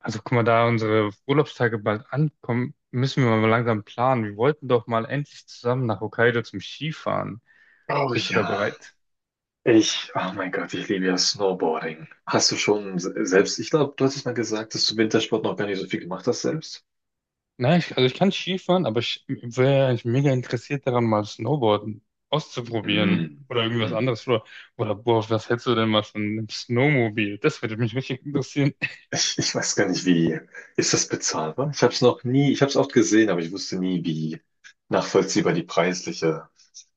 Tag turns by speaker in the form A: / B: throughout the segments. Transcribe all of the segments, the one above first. A: Also guck mal, da unsere Urlaubstage bald ankommen, müssen wir mal langsam planen. Wir wollten doch mal endlich zusammen nach Hokkaido zum Skifahren.
B: Oh
A: Bist du da
B: ja,
A: bereit?
B: ich, oh mein Gott, ich liebe ja Snowboarding. Hast du schon selbst, ich glaube, du hattest mal gesagt, dass du Wintersport noch gar nicht so viel gemacht hast selbst?
A: Nein, also ich kann Skifahren, aber ich wäre eigentlich mega interessiert daran, mal Snowboarden auszuprobieren
B: Hm.
A: oder irgendwas
B: Hm.
A: anderes. Oder boah, was hältst du denn mal von einem Snowmobil? Das würde mich richtig interessieren.
B: Ich weiß gar nicht, wie. Ist das bezahlbar? Ich habe es noch nie, ich habe es oft gesehen, aber ich wusste nie, wie nachvollziehbar die preisliche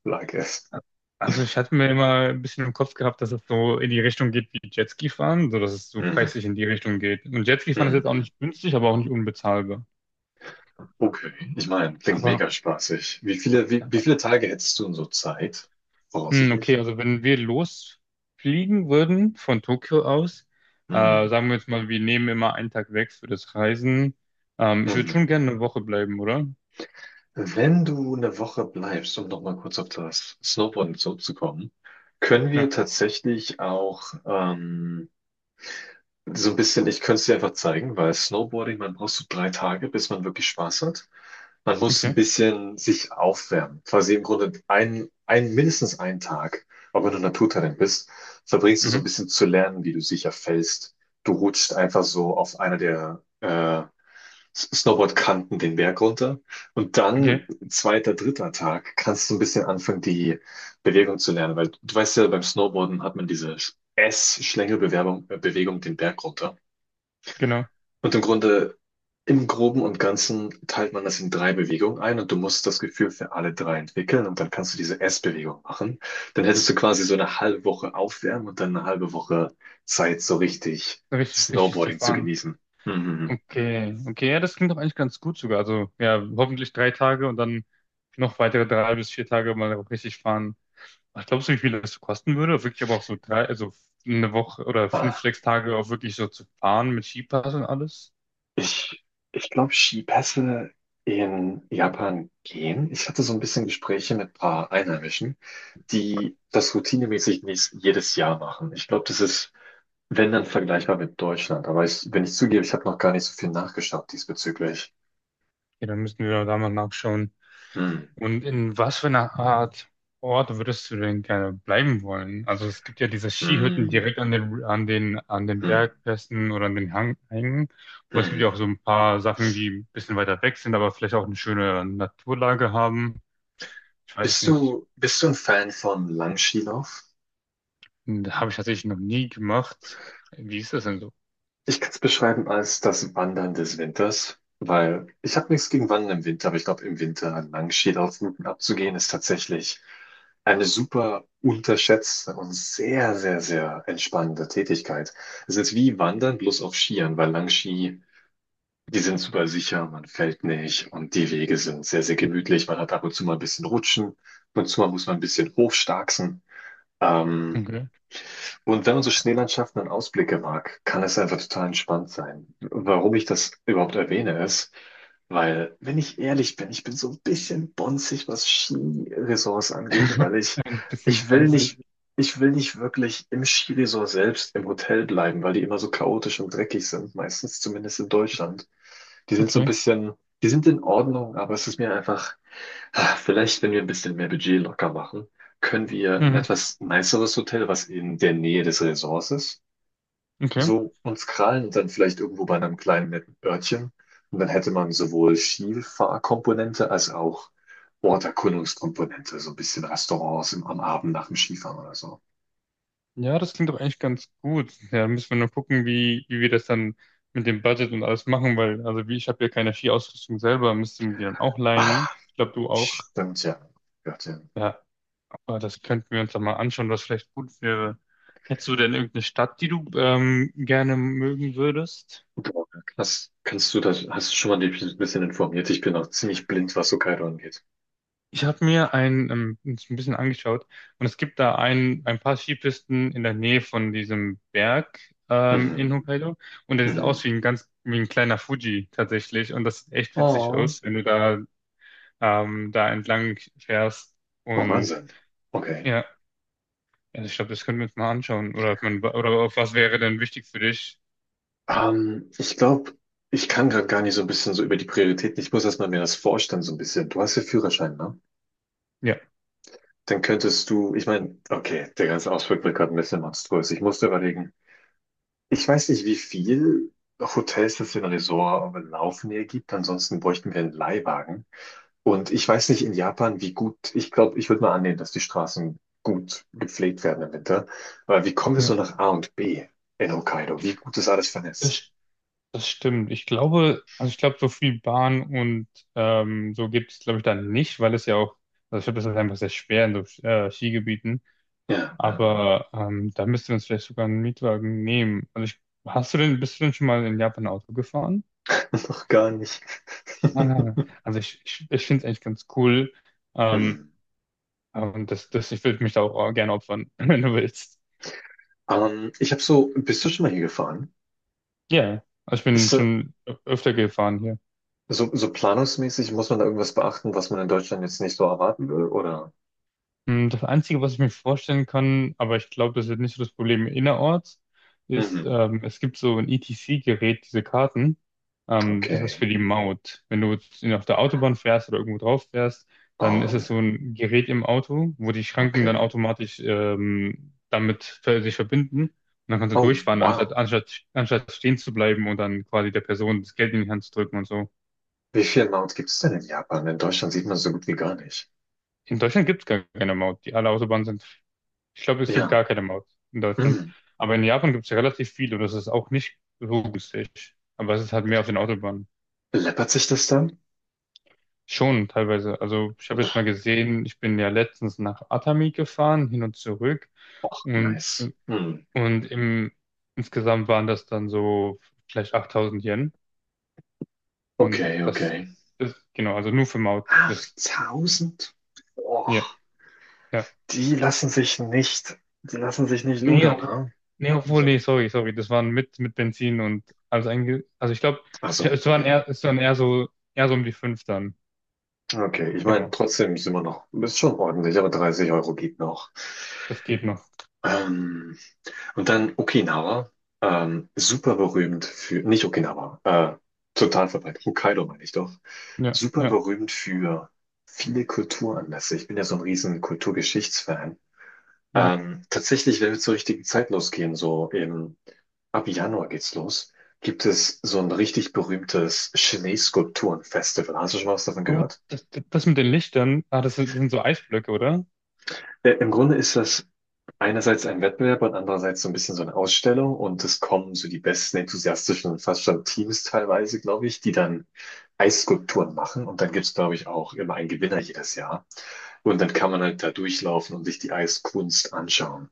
B: Lage ist.
A: Also ich hatte mir immer ein bisschen im Kopf gehabt, dass es so in die Richtung geht wie Jetski fahren, so dass es so
B: Mhm.
A: preislich in die Richtung geht. Und Jetski fahren ist jetzt auch
B: Mhm.
A: nicht günstig, aber auch nicht unbezahlbar.
B: Okay, ich meine, klingt
A: Aber
B: mega spaßig. Wie viele Tage hättest du in so Zeit?
A: Okay,
B: Voraussichtlich?
A: also wenn wir losfliegen würden von Tokio aus,
B: Mhm.
A: sagen wir jetzt mal, wir nehmen immer einen Tag weg für das Reisen. Ich würde schon
B: Mhm.
A: gerne eine Woche bleiben, oder?
B: Wenn du eine Woche bleibst, um nochmal kurz auf das Snowboarden zurückzukommen, können
A: Ja,
B: wir tatsächlich auch so ein bisschen, ich könnte es dir einfach zeigen, weil Snowboarding, man braucht so 3 Tage, bis man wirklich Spaß hat. Man muss ein
A: okay.
B: bisschen sich aufwärmen. Quasi im Grunde mindestens einen Tag, auch wenn du Naturtalent bist, verbringst du so
A: Mhm.
B: ein bisschen zu lernen, wie du sicher fällst. Du rutscht einfach so auf einer der Snowboardkanten den Berg runter. Und
A: Okay,
B: dann, zweiter, dritter Tag, kannst du ein bisschen anfangen, die Bewegung zu lernen. Weil du weißt ja, beim Snowboarden hat man diese Bewegung den Berg runter.
A: genau.
B: Und im Grunde, im Groben und Ganzen teilt man das in 3 Bewegungen ein und du musst das Gefühl für alle drei entwickeln und dann kannst du diese S-Bewegung machen. Dann hättest du quasi so eine halbe Woche aufwärmen und dann eine halbe Woche Zeit, so richtig
A: Richtig, richtig zu
B: Snowboarding zu
A: fahren.
B: genießen. Mhm.
A: Okay, okay, ja, das klingt doch eigentlich ganz gut sogar. Also ja, hoffentlich drei Tage und dann noch weitere drei bis vier Tage mal richtig fahren. Was glaubst du, wie viel das kosten würde? Wirklich aber auch so drei, also eine Woche oder fünf,
B: Ah,
A: sechs Tage auch wirklich so zu fahren mit Skipass und alles?
B: Ich, ich glaube, Skipässe in Japan gehen. Ich hatte so ein bisschen Gespräche mit ein paar Einheimischen, die das routinemäßig nicht jedes Jahr machen. Ich glaube, das ist wenn dann vergleichbar mit Deutschland. Aber ich, wenn ich zugebe, ich habe noch gar nicht so viel nachgeschaut diesbezüglich.
A: Ja, dann müssen wir da mal nachschauen.
B: Hm,
A: Und in was für einer Art Ort würdest du denn gerne bleiben wollen? Also es gibt ja diese Skihütten
B: hm,
A: direkt an den
B: hm,
A: Bergpässen oder an den Hängen. Aber es gibt ja
B: hm.
A: auch so ein paar Sachen, die ein bisschen weiter weg sind, aber vielleicht auch eine schöne Naturlage haben. Ich weiß
B: Bist
A: nicht.
B: du, bist du ein Fan von Langskilauf?
A: Da habe ich tatsächlich noch nie gemacht. Wie ist das denn so?
B: Ich kann es beschreiben als das Wandern des Winters, weil ich habe nichts gegen Wandern im Winter, aber ich glaube, im Winter Langskilaufrouten abzugehen, ist tatsächlich eine super unterschätzte und sehr, sehr, sehr entspannende Tätigkeit. Es ist wie Wandern, bloß auf Skiern, weil Langski. Die sind super sicher, man fällt nicht und die Wege sind sehr, sehr gemütlich. Man hat ab und zu mal ein bisschen Rutschen, ab und zu mal muss man ein bisschen hochstarksen. Ähm,
A: Okay.
B: und wenn man so Schneelandschaften und Ausblicke mag, kann es einfach total entspannt sein. Warum ich das überhaupt erwähne, ist, weil, wenn ich ehrlich bin, ich bin so ein bisschen bonzig, was Skiresorts angeht, weil ich,
A: Ein bisschen
B: ich will nicht,
A: fancy.
B: ich will nicht wirklich im Skiresort selbst im Hotel bleiben, weil die immer so chaotisch und dreckig sind, meistens zumindest in Deutschland. Die sind so ein
A: Okay.
B: bisschen, die sind in Ordnung, aber es ist mir einfach, vielleicht, wenn wir ein bisschen mehr Budget locker machen, können wir ein
A: Mhm.
B: etwas niceres Hotel, was in der Nähe des Resorts ist,
A: Okay.
B: so uns krallen und dann vielleicht irgendwo bei einem kleinen netten Örtchen. Und dann hätte man sowohl Skifahrkomponente als auch Orterkundungskomponente, so ein bisschen Restaurants im, am Abend nach dem Skifahren oder so.
A: Ja, das klingt doch eigentlich ganz gut. Ja, dann müssen wir nur gucken, wie wir das dann mit dem Budget und alles machen, weil, also wie ich habe ja keine Skiausrüstung selber, müsste man die dann auch leihen.
B: Ah,
A: Ich glaube, du auch.
B: stimmt ja. Örtchen.
A: Ja, aber das könnten wir uns dann mal anschauen, was vielleicht gut wäre. Hättest du denn irgendeine Stadt, die du gerne mögen würdest?
B: Boah, krass. Kannst du das, hast du schon mal dich ein bisschen informiert? Ich bin auch ziemlich blind, was Hokkaido angeht.
A: Ich habe mir ein, uns ein bisschen angeschaut und es gibt da ein paar Skipisten in der Nähe von diesem Berg in
B: Mhm.
A: Hokkaido und der sieht aus
B: Mhm.
A: wie ein ganz wie ein kleiner Fuji tatsächlich, und das sieht echt witzig
B: Oh.
A: aus, wenn du da da entlang fährst
B: Oh,
A: und
B: Wahnsinn. Okay.
A: ja, also ich glaube, das können wir uns mal anschauen. Oder ob man, oder auf was wäre denn wichtig für dich?
B: Ich glaube, ich kann gerade gar nicht so ein bisschen so über die Prioritäten. Ich muss erstmal mir das vorstellen, so ein bisschen. Du hast ja Führerschein, ne?
A: Ja,
B: Dann könntest du, ich meine, okay, der ganze Ausflug wird gerade ein bisschen monströs. Ich musste überlegen, ich weiß nicht, wie viel Hotels es in Resort laufen hier gibt. Ansonsten bräuchten wir einen Leihwagen. Und ich weiß nicht in Japan, wie gut, ich glaube, ich würde mal annehmen, dass die Straßen gut gepflegt werden im Winter. Aber wie kommen wir
A: ja.
B: so nach A und B in Hokkaido? Wie gut ist alles vernetzt?
A: Das Das stimmt. Ich glaube, also ich glaube, so viel Bahn und so gibt es, glaube ich, dann nicht, weil es ja auch, also ich glaube, das ist einfach sehr schwer in so Skigebieten.
B: Ja,
A: Aber da müsste man uns vielleicht sogar einen Mietwagen nehmen. Hast du denn, bist du denn schon mal in Japan Auto gefahren?
B: noch gar nicht.
A: Ah, also ich finde es eigentlich ganz cool. Ähm,
B: Hm.
A: und das, das, ich würde mich da auch gerne opfern, wenn du willst.
B: Ich habe so, bist du schon mal hier gefahren?
A: Ja, also ich bin
B: Ist
A: schon öfter gefahren.
B: so planungsmäßig, muss man da irgendwas beachten, was man in Deutschland jetzt nicht so erwarten will, oder?
A: Das Einzige, was ich mir vorstellen kann, aber ich glaube, das wird nicht so das Problem innerorts, ist,
B: Mhm.
A: es gibt so ein ETC-Gerät, diese Karten. Das ist
B: Okay.
A: für die Maut. Wenn du jetzt auf der Autobahn fährst oder irgendwo drauf fährst, dann ist
B: Oh,
A: es so ein Gerät im Auto, wo die Schranken dann
B: okay.
A: automatisch damit sich verbinden. Und dann kannst du
B: Oh,
A: durchfahren, anstatt,
B: wow.
A: anstatt, anstatt stehen zu bleiben und dann quasi der Person das Geld in die Hand zu drücken und so.
B: Wie viele Mounts gibt es denn in Japan? In Deutschland sieht man so gut wie gar nicht.
A: In Deutschland gibt es gar keine Maut. Die alle Autobahnen sind. Ich glaube, es gibt
B: Ja.
A: gar keine Maut in Deutschland. Aber in Japan gibt es relativ viel und das ist auch nicht so günstig. Aber es ist halt mehr auf den Autobahnen.
B: Läppert sich das dann?
A: Schon teilweise. Also ich habe jetzt mal
B: Pff,
A: gesehen, ich bin ja letztens nach Atami gefahren, hin und zurück. Und,
B: nice.
A: im-
B: Hm.
A: und im, insgesamt waren das dann so vielleicht 8000 Yen. Und
B: Okay, okay.
A: genau, also nur für Maut. Das,
B: 8.000? Boah,
A: ja, ja.
B: die lassen sich nicht, die lassen sich nicht
A: Nee,
B: ludern,
A: obwohl,
B: ha?
A: nee, obwohl, nee,
B: Wahnsinn.
A: sorry, das waren mit Benzin und alles also ich glaube,
B: Ach so,
A: es waren
B: okay.
A: eher, eher so um die fünf dann.
B: Okay, ich meine,
A: Genau,
B: trotzdem sind wir noch, ist schon ordentlich, aber 30 Euro geht noch.
A: das geht noch.
B: Ähm, und dann Okinawa, super berühmt für, nicht Okinawa, total verbreitet, Hokkaido meine ich doch,
A: Ja,
B: super
A: ja,
B: berühmt für viele Kulturanlässe. Ich bin ja so ein riesen Kulturgeschichtsfan.
A: ja.
B: Tatsächlich, wenn wir zur richtigen Zeit losgehen, so im, ab Januar geht's los, gibt es so ein richtig berühmtes Schneeskulpturenfestival. Hast du schon mal was davon
A: Oh,
B: gehört?
A: das mit den Lichtern, ah, das sind so Eisblöcke, oder?
B: Im Grunde ist das einerseits ein Wettbewerb und andererseits so ein bisschen so eine Ausstellung und es kommen so die besten enthusiastischen und fast schon Teams teilweise, glaube ich, die dann Eisskulpturen machen und dann gibt's, glaube ich, auch immer einen Gewinner jedes Jahr. Und dann kann man halt da durchlaufen und sich die Eiskunst anschauen.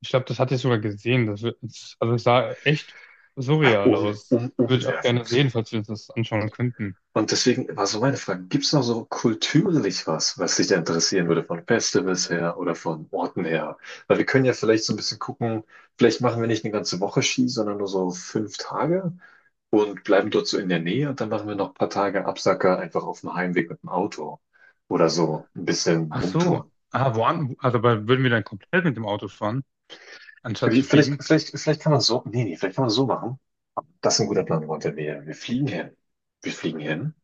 A: Ich glaube, das hatte ich sogar gesehen. Also es sah echt surreal
B: Um,
A: aus.
B: um,
A: Würde ich auch gerne
B: umwerfend.
A: sehen, falls wir uns das anschauen könnten.
B: Und deswegen war so meine Frage, gibt es noch so kulturlich was, was dich da interessieren würde, von Festivals her oder von Orten her? Weil wir können ja vielleicht so ein bisschen gucken, vielleicht machen wir nicht eine ganze Woche Ski, sondern nur so 5 Tage und bleiben dort so in der Nähe und dann machen wir noch ein paar Tage Absacker einfach auf dem Heimweg mit dem Auto oder so ein bisschen
A: Ach so.
B: rumtouren.
A: Ah, also aber würden wir dann komplett mit dem Auto fahren, anstatt
B: Wie,
A: zu
B: vielleicht,
A: fliegen?
B: vielleicht, vielleicht kann man so, nee, nee, vielleicht kann man so machen. Das ist ein guter Plan, Walter. Wir fliegen hin. Wir fliegen hin.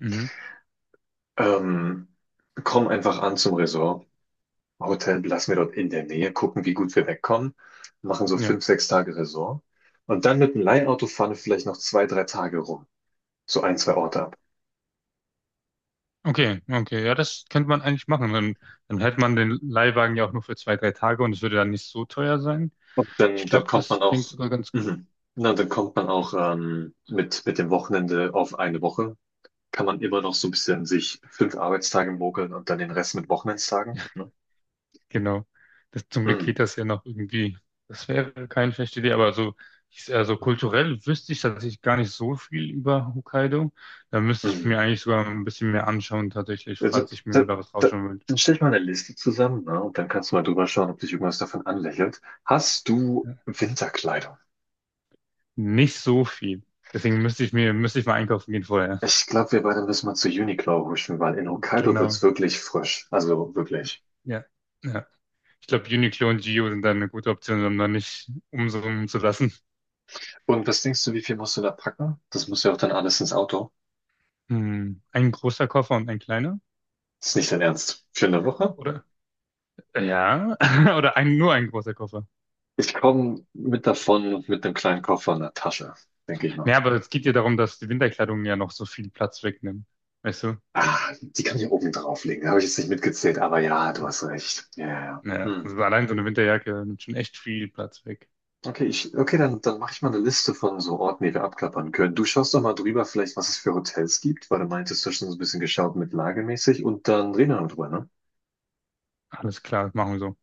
A: Mhm.
B: Ähm, kommen einfach an zum Resort. Hotel lassen wir dort in der Nähe, gucken, wie gut wir wegkommen, machen so
A: Ja.
B: 5, 6 Tage Resort und dann mit dem Leihauto fahren wir vielleicht noch 2, 3 Tage rum, so ein, zwei Orte ab.
A: Okay, okay, ja, das könnte man eigentlich machen. Dann, dann hätte man den Leihwagen ja auch nur für zwei, drei Tage und es würde dann nicht so teuer sein.
B: Und
A: Ich
B: dann
A: glaube,
B: kommt man
A: das klingt
B: auch,
A: sogar ganz gut.
B: mhm, na, dann kommt man auch mit dem Wochenende auf eine Woche, kann man immer noch so ein bisschen sich 5 Arbeitstage mogeln und dann den Rest mit Wochenendstagen. Ne?
A: Genau. Das, zum Glück geht
B: Mhm,
A: das ja noch irgendwie. Das wäre keine schlechte Idee, aber so, ich, also kulturell wüsste ich tatsächlich gar nicht so viel über Hokkaido. Da müsste ich
B: mhm.
A: mir eigentlich sogar ein bisschen mehr anschauen, tatsächlich,
B: Also,
A: falls ich mir da was
B: da,
A: rausschauen will.
B: dann stell ich mal eine Liste zusammen, ne? Und dann kannst du mal drüber schauen, ob dich irgendwas davon anlächelt. Hast du
A: Ja.
B: Winterkleidung?
A: Nicht so viel. Deswegen müsste ich mal einkaufen gehen vorher.
B: Ich glaube, wir beide müssen mal zu Uniqlo huschen, weil in Hokkaido wird's
A: Genau.
B: wirklich frisch. Also wirklich.
A: Ja. Ja. Ich glaube, Uniqlo und Gio sind dann eine gute Option, um da nicht umsummen zu lassen.
B: Und was denkst du, wie viel musst du da packen? Das muss ja auch dann alles ins Auto.
A: Hm. Ein großer Koffer und ein kleiner,
B: Ist nicht dein Ernst. Für eine Woche?
A: oder? Ja, oder ein, nur ein großer Koffer.
B: Ich komme mit davon und mit einem kleinen Koffer und einer Tasche, denke ich mal.
A: Ja, aber es geht ja darum, dass die Winterkleidung ja noch so viel Platz wegnimmt. Weißt du?
B: Ah, die kann ich oben drauflegen. Habe ich jetzt nicht mitgezählt, aber ja, du hast recht. Ja, ja. Ja.
A: Ja,
B: Hm.
A: also allein so eine Winterjacke nimmt schon echt viel Platz weg.
B: Okay, ich, okay, dann mache ich mal eine Liste von so Orten, die wir abklappern können. Du schaust doch mal drüber, vielleicht, was es für Hotels gibt, weil du meintest, du hast schon so ein bisschen geschaut mit lagemäßig und dann reden wir noch drüber, ne?
A: Alles klar, machen wir so.